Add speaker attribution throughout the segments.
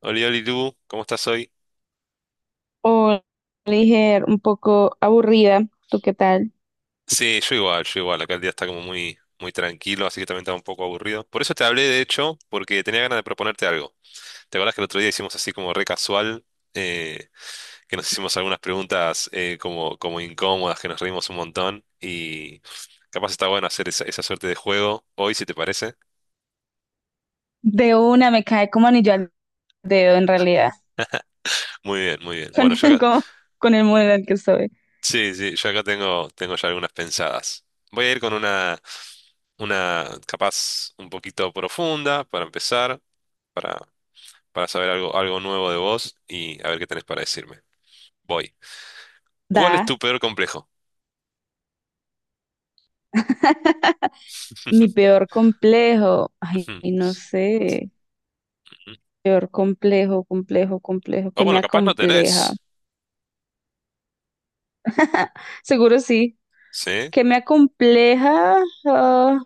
Speaker 1: Oli, Oli, tú, ¿cómo estás hoy?
Speaker 2: O Le dije un poco aburrida, ¿tú qué tal?
Speaker 1: Sí, yo igual, yo igual. Acá el día está como muy, muy tranquilo, así que también estaba un poco aburrido. Por eso te hablé, de hecho, porque tenía ganas de proponerte algo. ¿Te acuerdas que el otro día hicimos así como re casual, eh, que nos hicimos algunas preguntas como incómodas, que nos reímos un montón? Y capaz está bueno hacer esa suerte de juego hoy, si te parece.
Speaker 2: De una me cae como anillo al dedo en realidad.
Speaker 1: Muy bien, muy bien. Bueno, ya
Speaker 2: con,
Speaker 1: acá,
Speaker 2: con, con el modo en el que estoy.
Speaker 1: sí, sí, yo acá tengo ya algunas pensadas. Voy a ir con una capaz un poquito profunda para empezar. para, para saber algo nuevo de vos y a ver qué tenés para decirme. Voy. ¿Cuál es
Speaker 2: Da,
Speaker 1: tu peor complejo?
Speaker 2: mi peor complejo, ay,
Speaker 1: Ujú,
Speaker 2: no sé,
Speaker 1: ujú.
Speaker 2: peor complejo, complejo, complejo,
Speaker 1: O
Speaker 2: que me
Speaker 1: bueno, capaz no
Speaker 2: acompleja.
Speaker 1: tenés.
Speaker 2: Seguro sí,
Speaker 1: ¿Sí?
Speaker 2: que me acompleja. ah,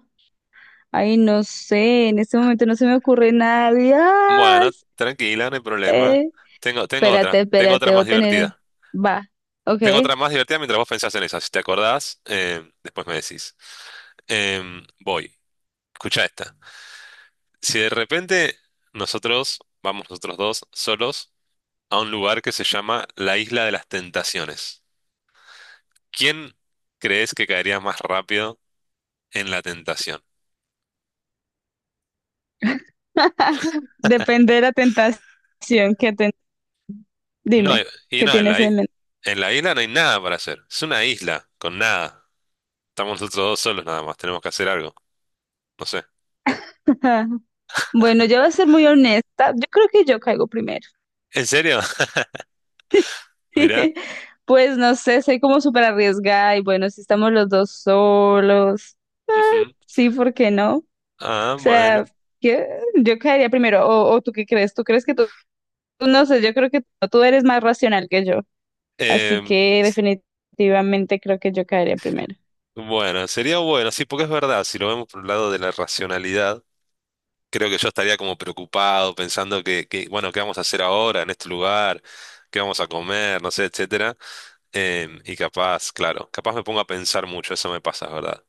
Speaker 2: Ay, no sé, en este momento no se me ocurre nada.
Speaker 1: Bueno,
Speaker 2: Dios.
Speaker 1: tranquila, no hay problema.
Speaker 2: Eh,
Speaker 1: Tengo otra,
Speaker 2: Espérate,
Speaker 1: tengo otra
Speaker 2: espérate, voy a
Speaker 1: más
Speaker 2: tener,
Speaker 1: divertida.
Speaker 2: va, ok.
Speaker 1: Tengo otra más divertida mientras vos pensás en esa. Si te acordás, después me decís. Voy. Escucha esta. Si de repente nosotros, vamos nosotros dos, solos, a un lugar que se llama la Isla de las Tentaciones. ¿Quién crees que caería más rápido en la tentación?
Speaker 2: Depende de la tentación
Speaker 1: No,
Speaker 2: Dime,
Speaker 1: y
Speaker 2: ¿qué
Speaker 1: no,
Speaker 2: tienes en mente?
Speaker 1: en la isla no hay nada para hacer. Es una isla, con nada. Estamos nosotros dos solos nada más, tenemos que hacer algo. No sé.
Speaker 2: Bueno, yo voy a ser muy honesta. Yo creo que yo caigo primero.
Speaker 1: ¿En serio? Mirá.
Speaker 2: Pues no sé, soy como súper arriesgada y bueno, si estamos los dos solos, ah,
Speaker 1: Ujú.
Speaker 2: sí, ¿por qué no?
Speaker 1: Ah, bueno.
Speaker 2: Sea, que- yo caería primero. O tú qué crees? ¿Tú crees que tú? No sé, yo creo que tú eres más racional que yo. Así
Speaker 1: Em,
Speaker 2: que definitivamente creo que yo caería primero.
Speaker 1: bueno, sería bueno, sí, porque es verdad, si lo vemos por el lado de la racionalidad, creo que yo estaría como preocupado, pensando bueno, ¿qué vamos a hacer ahora en este lugar? ¿Qué vamos a comer? No sé, etcétera. Y capaz, claro, capaz me pongo a pensar mucho, eso me pasa, ¿verdad?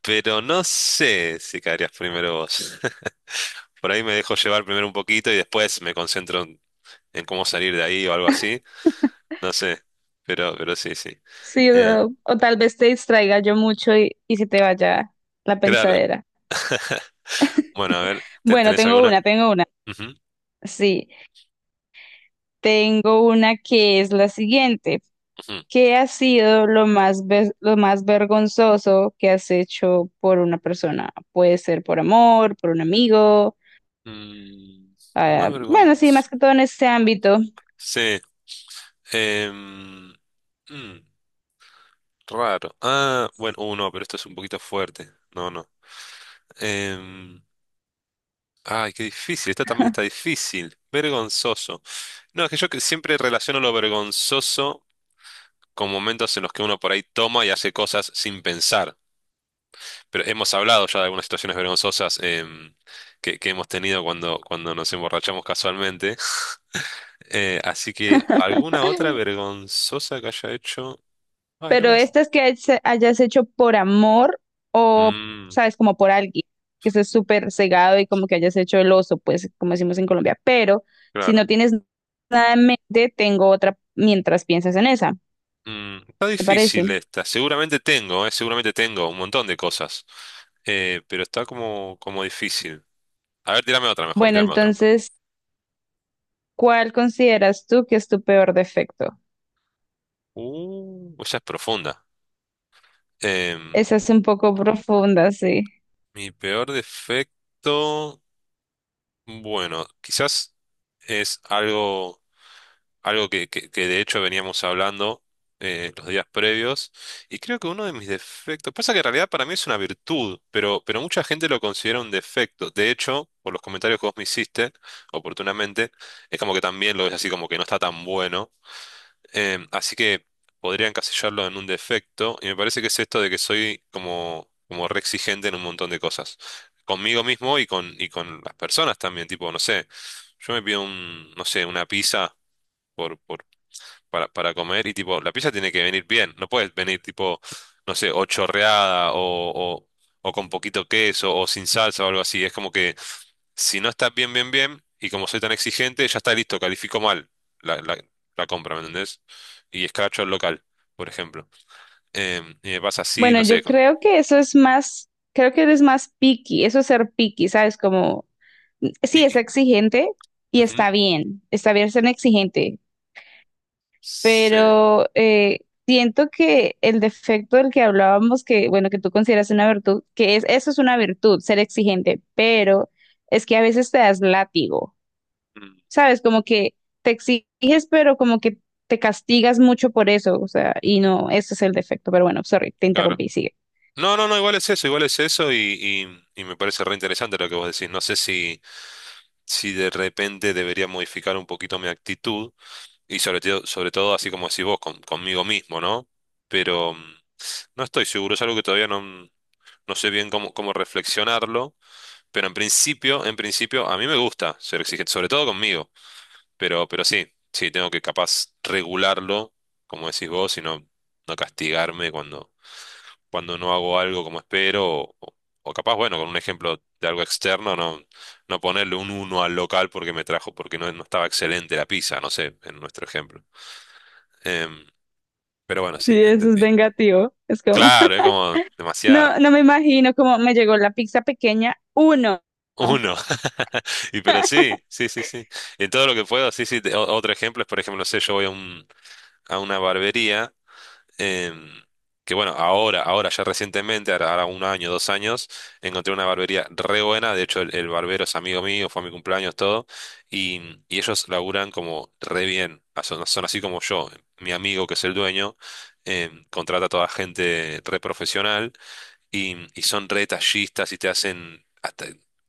Speaker 1: Pero no sé si caerías primero vos. Por ahí me dejo llevar primero un poquito y después me concentro en cómo salir de ahí o algo así. No sé, pero sí, sí.
Speaker 2: Sí,
Speaker 1: Eh,
Speaker 2: o tal vez te distraiga yo mucho y se te vaya la
Speaker 1: claro.
Speaker 2: pensadera.
Speaker 1: Bueno, a ver,
Speaker 2: Bueno,
Speaker 1: ¿tenés
Speaker 2: tengo
Speaker 1: alguna?
Speaker 2: una, tengo una.
Speaker 1: Ujú,
Speaker 2: Sí, tengo una que es la siguiente.
Speaker 1: ujú.
Speaker 2: ¿Qué ha sido lo más, lo más vergonzoso que has hecho por una persona? Puede ser por amor, por un amigo.
Speaker 1: Mm, lo más
Speaker 2: Bueno, sí, más
Speaker 1: vergonzoso.
Speaker 2: que todo en este ámbito.
Speaker 1: Sí. em, mm, raro. Ah, bueno, no, pero esto es un poquito fuerte. No, no. Em, Ay, qué difícil. Esta también está difícil. Vergonzoso. No, es que yo que siempre relaciono lo vergonzoso con momentos en los que uno por ahí toma y hace cosas sin pensar. Pero hemos hablado ya de algunas situaciones vergonzosas que hemos tenido cuando nos emborrachamos casualmente. Así que, ¿alguna otra vergonzosa que haya hecho? Ay, no
Speaker 2: Pero
Speaker 1: me...
Speaker 2: estas que hayas hecho por amor, o,
Speaker 1: Mm,
Speaker 2: sabes, como por alguien, que estés súper cegado y como que hayas hecho el oso, pues, como decimos en Colombia. Pero si
Speaker 1: claro.
Speaker 2: no tienes nada en mente, tengo otra mientras piensas en esa,
Speaker 1: Está
Speaker 2: ¿te
Speaker 1: difícil
Speaker 2: parece?
Speaker 1: esta. Seguramente tengo un montón de cosas. Pero está como difícil. A ver, tírame otra mejor,
Speaker 2: Bueno,
Speaker 1: tírame otra mejor.
Speaker 2: entonces, ¿cuál consideras tú que es tu peor defecto?
Speaker 1: Esa es profunda. Em,
Speaker 2: Esa es un poco profunda, sí.
Speaker 1: mi peor defecto, bueno, quizás es algo que de hecho veníamos hablando los días previos. Y creo que uno de mis defectos, pasa que en realidad para mí es una virtud, pero mucha gente lo considera un defecto. De hecho, por los comentarios que vos me hiciste, oportunamente, es como que también lo ves así como que no está tan bueno. Así que podría encasillarlo en un defecto y me parece que es esto de que soy como re exigente en un montón de cosas. Conmigo mismo y y con las personas también, tipo, no sé, yo me pido un, no sé, una pizza. Por Para comer y tipo, la pizza tiene que venir bien, no puedes venir tipo, no sé, o chorreada o, o con poquito queso o sin salsa o algo así. Es como que si no está bien, bien, bien, y como soy tan exigente, ya está listo, califico mal la, la, la compra, ¿me entendés? Y escracho al local, por ejemplo. Y me pasa así,
Speaker 2: Bueno,
Speaker 1: no sé,
Speaker 2: yo
Speaker 1: con
Speaker 2: creo que eso es más, creo que eres más picky, eso es ser picky, ¿sabes? Como sí es
Speaker 1: Piki.
Speaker 2: exigente y
Speaker 1: Ujú.
Speaker 2: está bien ser exigente,
Speaker 1: Sí,
Speaker 2: pero siento que el defecto del que hablábamos, que bueno, que tú consideras una virtud, que es, eso es una virtud, ser exigente, pero es que a veces te das látigo,
Speaker 1: mm,
Speaker 2: ¿sabes? Como que te exiges, pero como que te castigas mucho por eso, o sea, y no, ese es el defecto, pero bueno, sorry, te
Speaker 1: claro.
Speaker 2: interrumpí, sigue.
Speaker 1: No, no, no, igual es eso y me parece re interesante lo que vos decís. No sé si de repente debería modificar un poquito mi actitud y sobre todo así como decís vos, conmigo mismo, ¿no? Pero no estoy seguro, es algo que todavía no sé bien cómo reflexionarlo, pero en principio a mí me gusta ser exigente, sobre todo conmigo. Pero sí, sí, tengo que capaz regularlo, como decís vos, y no castigarme cuando no hago algo como espero, o capaz, bueno, con un ejemplo de algo externo, no ponerle un uno al local porque me trajo, porque no estaba excelente la pizza, no sé, en nuestro ejemplo. Em, pero bueno,
Speaker 2: Sí,
Speaker 1: sí,
Speaker 2: eso es
Speaker 1: entendí.
Speaker 2: vengativo, es como,
Speaker 1: Claro, es como demasiado.
Speaker 2: no, no me imagino cómo me llegó la pizza pequeña, uno.
Speaker 1: Uno. Y pero sí, sí, sí, sí. En todo lo que puedo, sí, sí. Otro ejemplo es, por ejemplo, no sé, yo voy a una barbería em, que bueno, ahora ya recientemente, ahora un año, 2 años, encontré una barbería re buena. De hecho, el barbero es amigo mío, fue a mi cumpleaños, todo. Y ellos laburan como re bien. Ah, son así como yo. Mi amigo, que es el dueño, contrata a toda gente re profesional y son re detallistas y te hacen hasta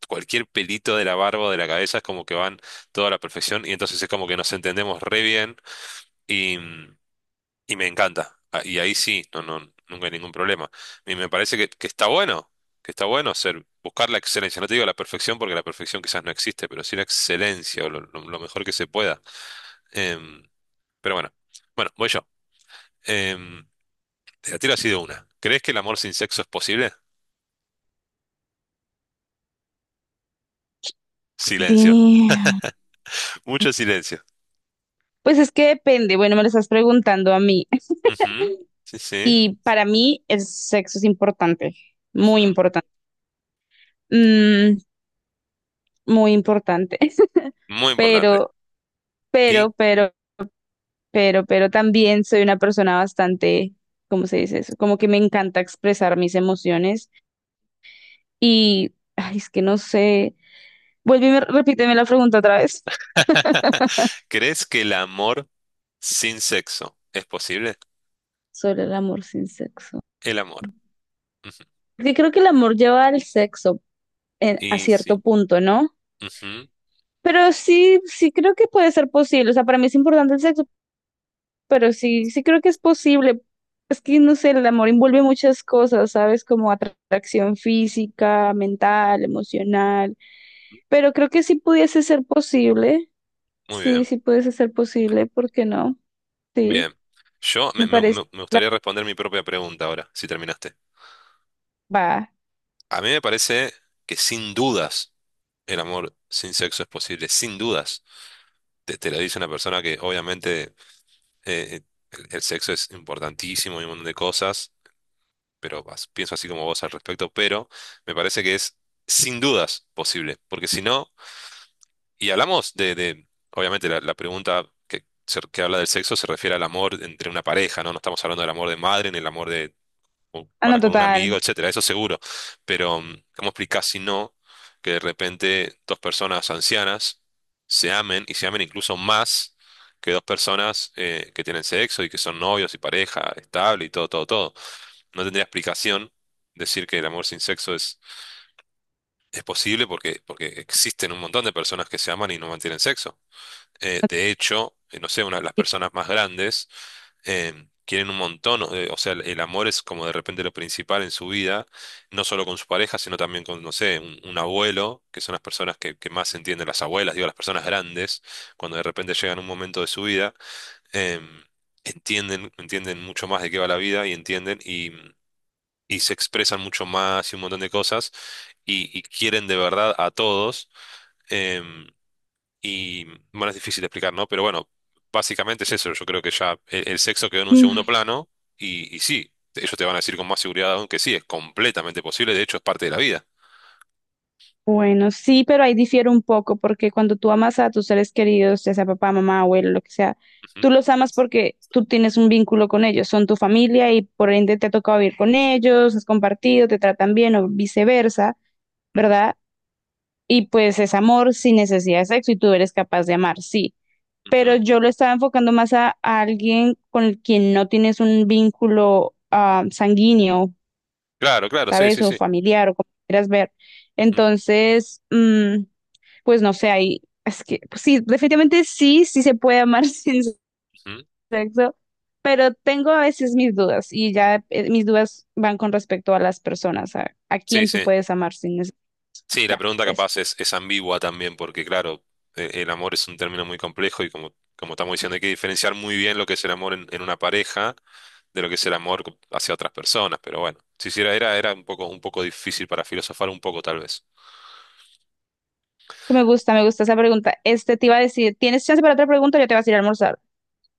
Speaker 1: cualquier pelito de la barba o de la cabeza, es como que van toda la perfección. Y entonces es como que nos entendemos re bien. Y, y me encanta. Ah, y ahí sí, no, no, nunca hay ningún problema. Y me parece que está bueno, buscar la excelencia. No te digo la perfección porque la perfección quizás no existe, pero sí la excelencia o lo mejor que se pueda. Em, pero bueno, bueno, voy yo. Em, te la tiro así de una. ¿Crees que el amor sin sexo es posible? Silencio,
Speaker 2: Damn.
Speaker 1: mucho silencio.
Speaker 2: Pues es que depende. Bueno, me lo estás preguntando a mí.
Speaker 1: Ujú, sí, sí.
Speaker 2: Y para mí el sexo es importante, muy
Speaker 1: Ujú,
Speaker 2: importante, Mm, muy importante.
Speaker 1: muy importante.
Speaker 2: Pero,
Speaker 1: ¿Y
Speaker 2: pero, pero, pero también soy una persona bastante, ¿cómo se dice eso? Como que me encanta expresar mis emociones y, ay, es que no sé. Vuelve y repíteme la pregunta otra vez
Speaker 1: crees que el amor sin sexo es posible?
Speaker 2: sobre el amor sin sexo.
Speaker 1: El amor. Ujú,
Speaker 2: Porque creo que el amor lleva al sexo a
Speaker 1: y sí.
Speaker 2: cierto punto, ¿no?
Speaker 1: Ujú,
Speaker 2: Pero sí, sí creo que puede ser posible. O sea, para mí es importante el sexo, pero sí, sí creo que es posible. Es que, no sé, el amor envuelve muchas cosas, ¿sabes? Como atracción física, mental, emocional. Pero creo que sí pudiese ser posible.
Speaker 1: muy
Speaker 2: Sí,
Speaker 1: bien,
Speaker 2: sí pudiese ser posible, ¿por qué no? Sí,
Speaker 1: bien. Yo me,
Speaker 2: me
Speaker 1: me-
Speaker 2: parece.
Speaker 1: me- me gustaría responder mi propia pregunta ahora, si terminaste.
Speaker 2: Va.
Speaker 1: A mí me parece que sin dudas el amor sin sexo es posible, sin dudas. Te lo dice una persona que obviamente eh, el sexo es importantísimo y un montón de cosas, pero pienso así como vos al respecto, pero me parece que es sin dudas posible, porque si no, y hablamos obviamente la pregunta, que habla del sexo se refiere al amor entre una pareja, ¿no? No estamos hablando del amor de madre ni el amor o
Speaker 2: Ah,
Speaker 1: para
Speaker 2: no,
Speaker 1: con un amigo,
Speaker 2: total.
Speaker 1: etcétera, eso seguro. Pero, ¿cómo explicás si no que de repente dos personas ancianas se amen y se amen incluso más que dos personas que tienen sexo y que son novios y pareja estable y todo, todo, todo? No tendría explicación decir que el amor sin sexo es posible porque, existen un montón de personas que se aman y no mantienen sexo. De hecho, no sé, las personas más grandes quieren un montón, o sea, el amor es como de repente lo principal en su vida, no solo con su pareja, sino también con, no sé, un abuelo, que son las personas que más entienden, las abuelas, digo, las personas grandes, cuando de repente llegan a un momento de su vida, em, entienden mucho más de qué va la vida y entienden y se expresan mucho más y un montón de cosas y quieren de verdad a todos. em, y bueno, es difícil de explicar, ¿no? Pero bueno, básicamente es eso. Yo creo que ya el sexo quedó en un segundo plano y sí, ellos te van a decir con más seguridad aún que sí, es completamente posible, de hecho es parte de la vida.
Speaker 2: Bueno, sí, pero ahí difiere un poco, porque cuando tú amas a tus seres queridos, ya sea papá, mamá, abuelo, lo que sea,
Speaker 1: Ujú,
Speaker 2: tú los amas porque tú tienes un vínculo con ellos, son tu familia y por ende te ha tocado vivir con ellos, has compartido, te tratan bien o viceversa,
Speaker 1: ujú,
Speaker 2: ¿verdad? Y pues es amor sin necesidad de sexo y tú eres capaz de amar, sí. Pero
Speaker 1: ujú.
Speaker 2: yo lo estaba enfocando más a alguien con el quien no tienes un vínculo, sanguíneo,
Speaker 1: Claro, claro, sí,
Speaker 2: ¿sabes?
Speaker 1: sí,
Speaker 2: O
Speaker 1: sí.
Speaker 2: familiar o como quieras ver.
Speaker 1: Ujú,
Speaker 2: Entonces, pues no sé, ahí, es que, pues sí, definitivamente sí, sí se puede amar sin
Speaker 1: ujú.
Speaker 2: sexo, pero tengo a veces mis dudas y ya, mis dudas van con respecto a las personas, a
Speaker 1: Sí,
Speaker 2: quién tú
Speaker 1: sí.
Speaker 2: puedes amar sin eso,
Speaker 1: Sí, la
Speaker 2: ya,
Speaker 1: pregunta
Speaker 2: eso.
Speaker 1: capaz es, ambigua también, porque claro, el amor es un término muy complejo y como estamos diciendo, hay que diferenciar muy bien lo que es el amor en una pareja de lo que es el amor hacia otras personas, pero bueno, sí, sí, era un poco difícil para filosofar un poco, tal vez.
Speaker 2: Me gusta esa pregunta. Este te iba a decir, ¿tienes chance para otra pregunta? Yo te vas a ir a almorzar.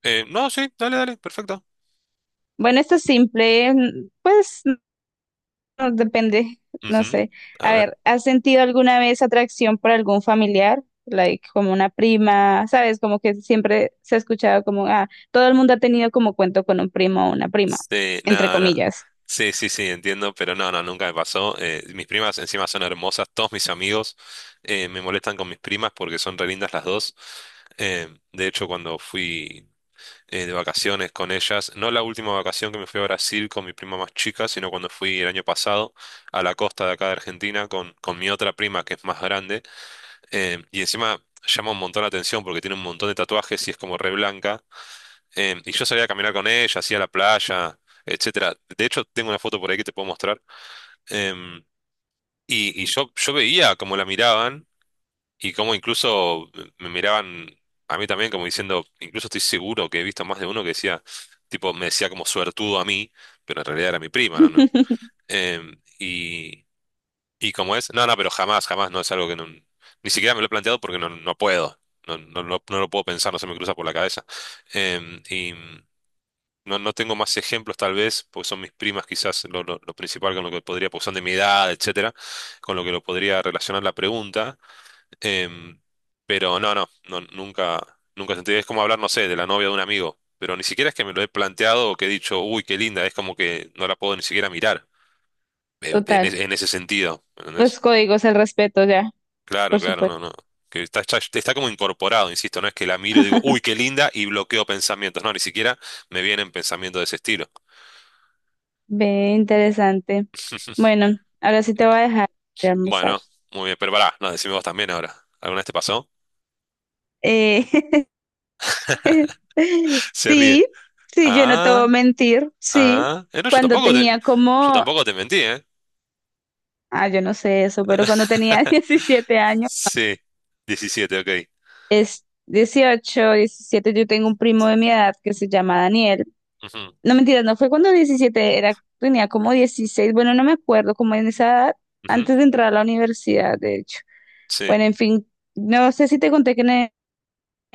Speaker 1: No, sí, dale, dale, perfecto.
Speaker 2: Bueno, esta es simple, pues no, depende, no
Speaker 1: Ujú.
Speaker 2: sé.
Speaker 1: A
Speaker 2: A
Speaker 1: ver.
Speaker 2: ver, ¿has sentido alguna vez atracción por algún familiar? Like, como una prima, ¿sabes? Como que siempre se ha escuchado como, ah, todo el mundo ha tenido como cuento con un primo o una prima,
Speaker 1: Sí,
Speaker 2: entre
Speaker 1: no, no.
Speaker 2: comillas.
Speaker 1: Sí, sí, sí, entiendo, pero no, no, nunca me pasó. Mis primas encima son hermosas, todos mis amigos me molestan con mis primas porque son re lindas las dos. De hecho, cuando fui de vacaciones con ellas, no la última vacación que me fui a Brasil con mi prima más chica, sino cuando fui el año pasado a la costa de acá de Argentina con mi otra prima que es más grande. Y encima llama un montón la atención porque tiene un montón de tatuajes y es como re blanca. Y yo salía a caminar con ella, hacía la playa, etcétera. De hecho, tengo una foto por ahí que te puedo mostrar. Em, y yo veía cómo la miraban y cómo incluso me miraban a mí también, como diciendo, incluso estoy seguro que he visto más de uno que decía, tipo, me decía como suertudo a mí, pero en realidad era mi prima, ¿no? No, em, y, y como es, no, no, pero jamás, jamás, no es algo que ni siquiera me lo he planteado porque no puedo. No, no, no, no lo puedo pensar, no se me cruza por la cabeza. Em, y. no tengo más ejemplos tal vez, porque son mis primas quizás lo principal con lo que podría, porque son de mi edad, etcétera, con lo que lo podría relacionar la pregunta. Em, pero no, no, no, nunca, nunca sentí. Es como hablar, no sé, de la novia de un amigo, pero ni siquiera es que me lo he planteado o que he dicho, uy, qué linda, es como que no la puedo ni siquiera mirar, eh, de- en, es-
Speaker 2: Total.
Speaker 1: en ese sentido, ¿me
Speaker 2: Los
Speaker 1: entendés?
Speaker 2: códigos, el respeto, ya,
Speaker 1: Claro,
Speaker 2: por
Speaker 1: claro,
Speaker 2: supuesto.
Speaker 1: no, no. Que está como incorporado, insisto, no es que la miro y digo, uy, qué linda, y bloqueo pensamientos, no, ni siquiera me vienen pensamientos de ese estilo.
Speaker 2: Ve, interesante. Bueno, ahora sí te voy a dejar de almorzar.
Speaker 1: Bueno, muy bien, pero pará, no, decime vos también ahora. ¿Alguna vez te pasó?
Speaker 2: Eh,
Speaker 1: Se ríe.
Speaker 2: sí, sí, yo no te voy a
Speaker 1: Ah,
Speaker 2: mentir, sí.
Speaker 1: ah. No,
Speaker 2: Cuando tenía
Speaker 1: yo
Speaker 2: como
Speaker 1: tampoco te mentí, ¿eh?
Speaker 2: Ah, yo no sé eso, pero cuando tenía 17 años,
Speaker 1: Sí, 17, ok.
Speaker 2: es 18, 17. Yo tengo un primo de mi edad que se llama Daniel.
Speaker 1: Ujú,
Speaker 2: No, mentira, no fue cuando 17, era, tenía como 16. Bueno, no me acuerdo, como en esa edad,
Speaker 1: ujú,
Speaker 2: antes de entrar a la universidad, de hecho.
Speaker 1: Sí,
Speaker 2: Bueno, en fin, no sé si te conté que en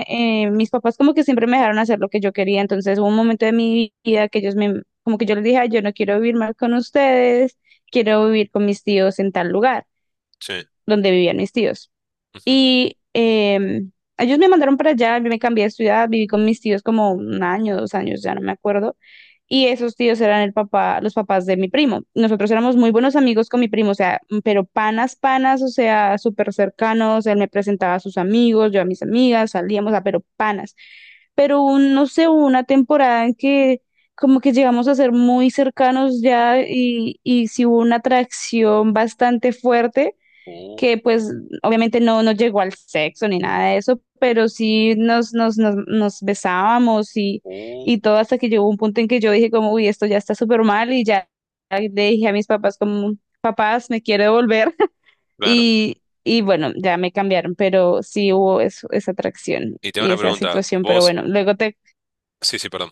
Speaker 2: mis papás como que siempre me dejaron hacer lo que yo quería, entonces hubo un momento de mi vida que ellos me, como que yo les dije, "Ay, yo no quiero vivir más con ustedes, quiero vivir con mis tíos en tal lugar,
Speaker 1: sí.
Speaker 2: donde vivían mis tíos".
Speaker 1: ujú.
Speaker 2: Y ellos me mandaron para allá, yo me cambié de ciudad, viví con mis tíos como 1 año, 2 años, ya no me acuerdo. Y esos tíos eran el papá, los papás de mi primo. Nosotros éramos muy buenos amigos con mi primo, o sea, pero panas, panas, o sea, súper cercanos. Él me presentaba a sus amigos, yo a mis amigas, salíamos, a pero panas. Pero no sé, hubo una temporada en que como que llegamos a ser muy cercanos ya y sí hubo una atracción bastante fuerte
Speaker 1: Uh,
Speaker 2: que pues obviamente no, no llegó al sexo ni nada de eso, pero sí nos besábamos
Speaker 1: uh,
Speaker 2: y todo hasta que llegó un punto en que yo dije como, uy, esto ya está súper mal y ya le dije a mis papás como, papás, me quiero devolver.
Speaker 1: Claro.
Speaker 2: Y bueno, ya me cambiaron, pero sí hubo esa atracción
Speaker 1: Y te hago
Speaker 2: y
Speaker 1: una
Speaker 2: esa
Speaker 1: pregunta.
Speaker 2: situación, pero
Speaker 1: Vos,
Speaker 2: bueno, luego te,
Speaker 1: sí, sí, perdón.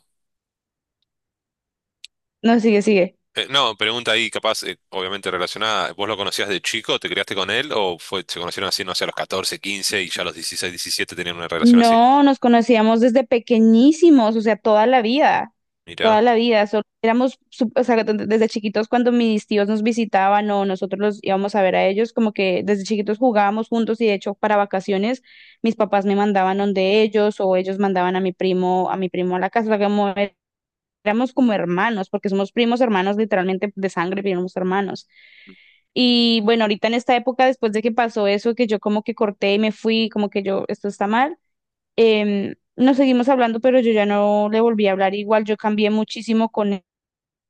Speaker 2: no, sigue, sigue.
Speaker 1: No, pregunta ahí capaz, obviamente relacionada. ¿Vos lo conocías de chico? ¿Te criaste con él? ¿O fue, se conocieron así, no sé, a los 14, 15 y ya a los 16, 17 tenían una relación así?
Speaker 2: No, nos conocíamos desde pequeñísimos, o sea, toda la vida, toda
Speaker 1: Mirá.
Speaker 2: la vida. Solo éramos, o sea, desde chiquitos cuando mis tíos nos visitaban o nosotros los íbamos a ver a ellos, como que desde chiquitos jugábamos juntos y de hecho para vacaciones mis papás me mandaban donde ellos o ellos mandaban a mi primo, a la casa, o sea, como éramos como hermanos, porque somos primos hermanos literalmente de sangre, primos hermanos. Y bueno, ahorita en esta época, después de que pasó eso, que yo como que corté y me fui, como que yo, esto está mal. Nos seguimos hablando, pero yo ya no le volví a hablar igual, yo cambié muchísimo con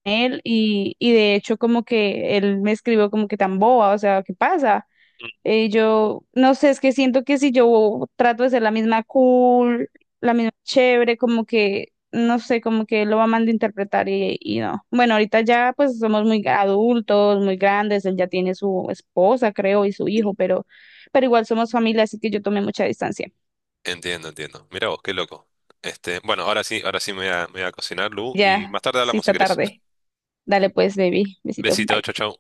Speaker 2: él, y de hecho como que él me escribió como que tan boba, o sea, ¿qué pasa? Yo no sé, es que siento que si yo trato de ser la misma cool, la misma chévere, como que, no sé, como que él lo va a malinterpretar y no. Bueno, ahorita ya pues somos muy adultos, muy grandes, él ya tiene su esposa, creo, y su hijo, pero igual somos familia, así que yo tomé mucha distancia.
Speaker 1: Entiendo, entiendo. Mira vos, qué loco. Este, bueno, ahora sí me voy a cocinar, Lu, y
Speaker 2: Ya,
Speaker 1: más tarde
Speaker 2: sí
Speaker 1: hablamos si
Speaker 2: está
Speaker 1: querés.
Speaker 2: tarde. Dale pues, baby. Besito.
Speaker 1: Besito,
Speaker 2: Bye.
Speaker 1: chau, chau.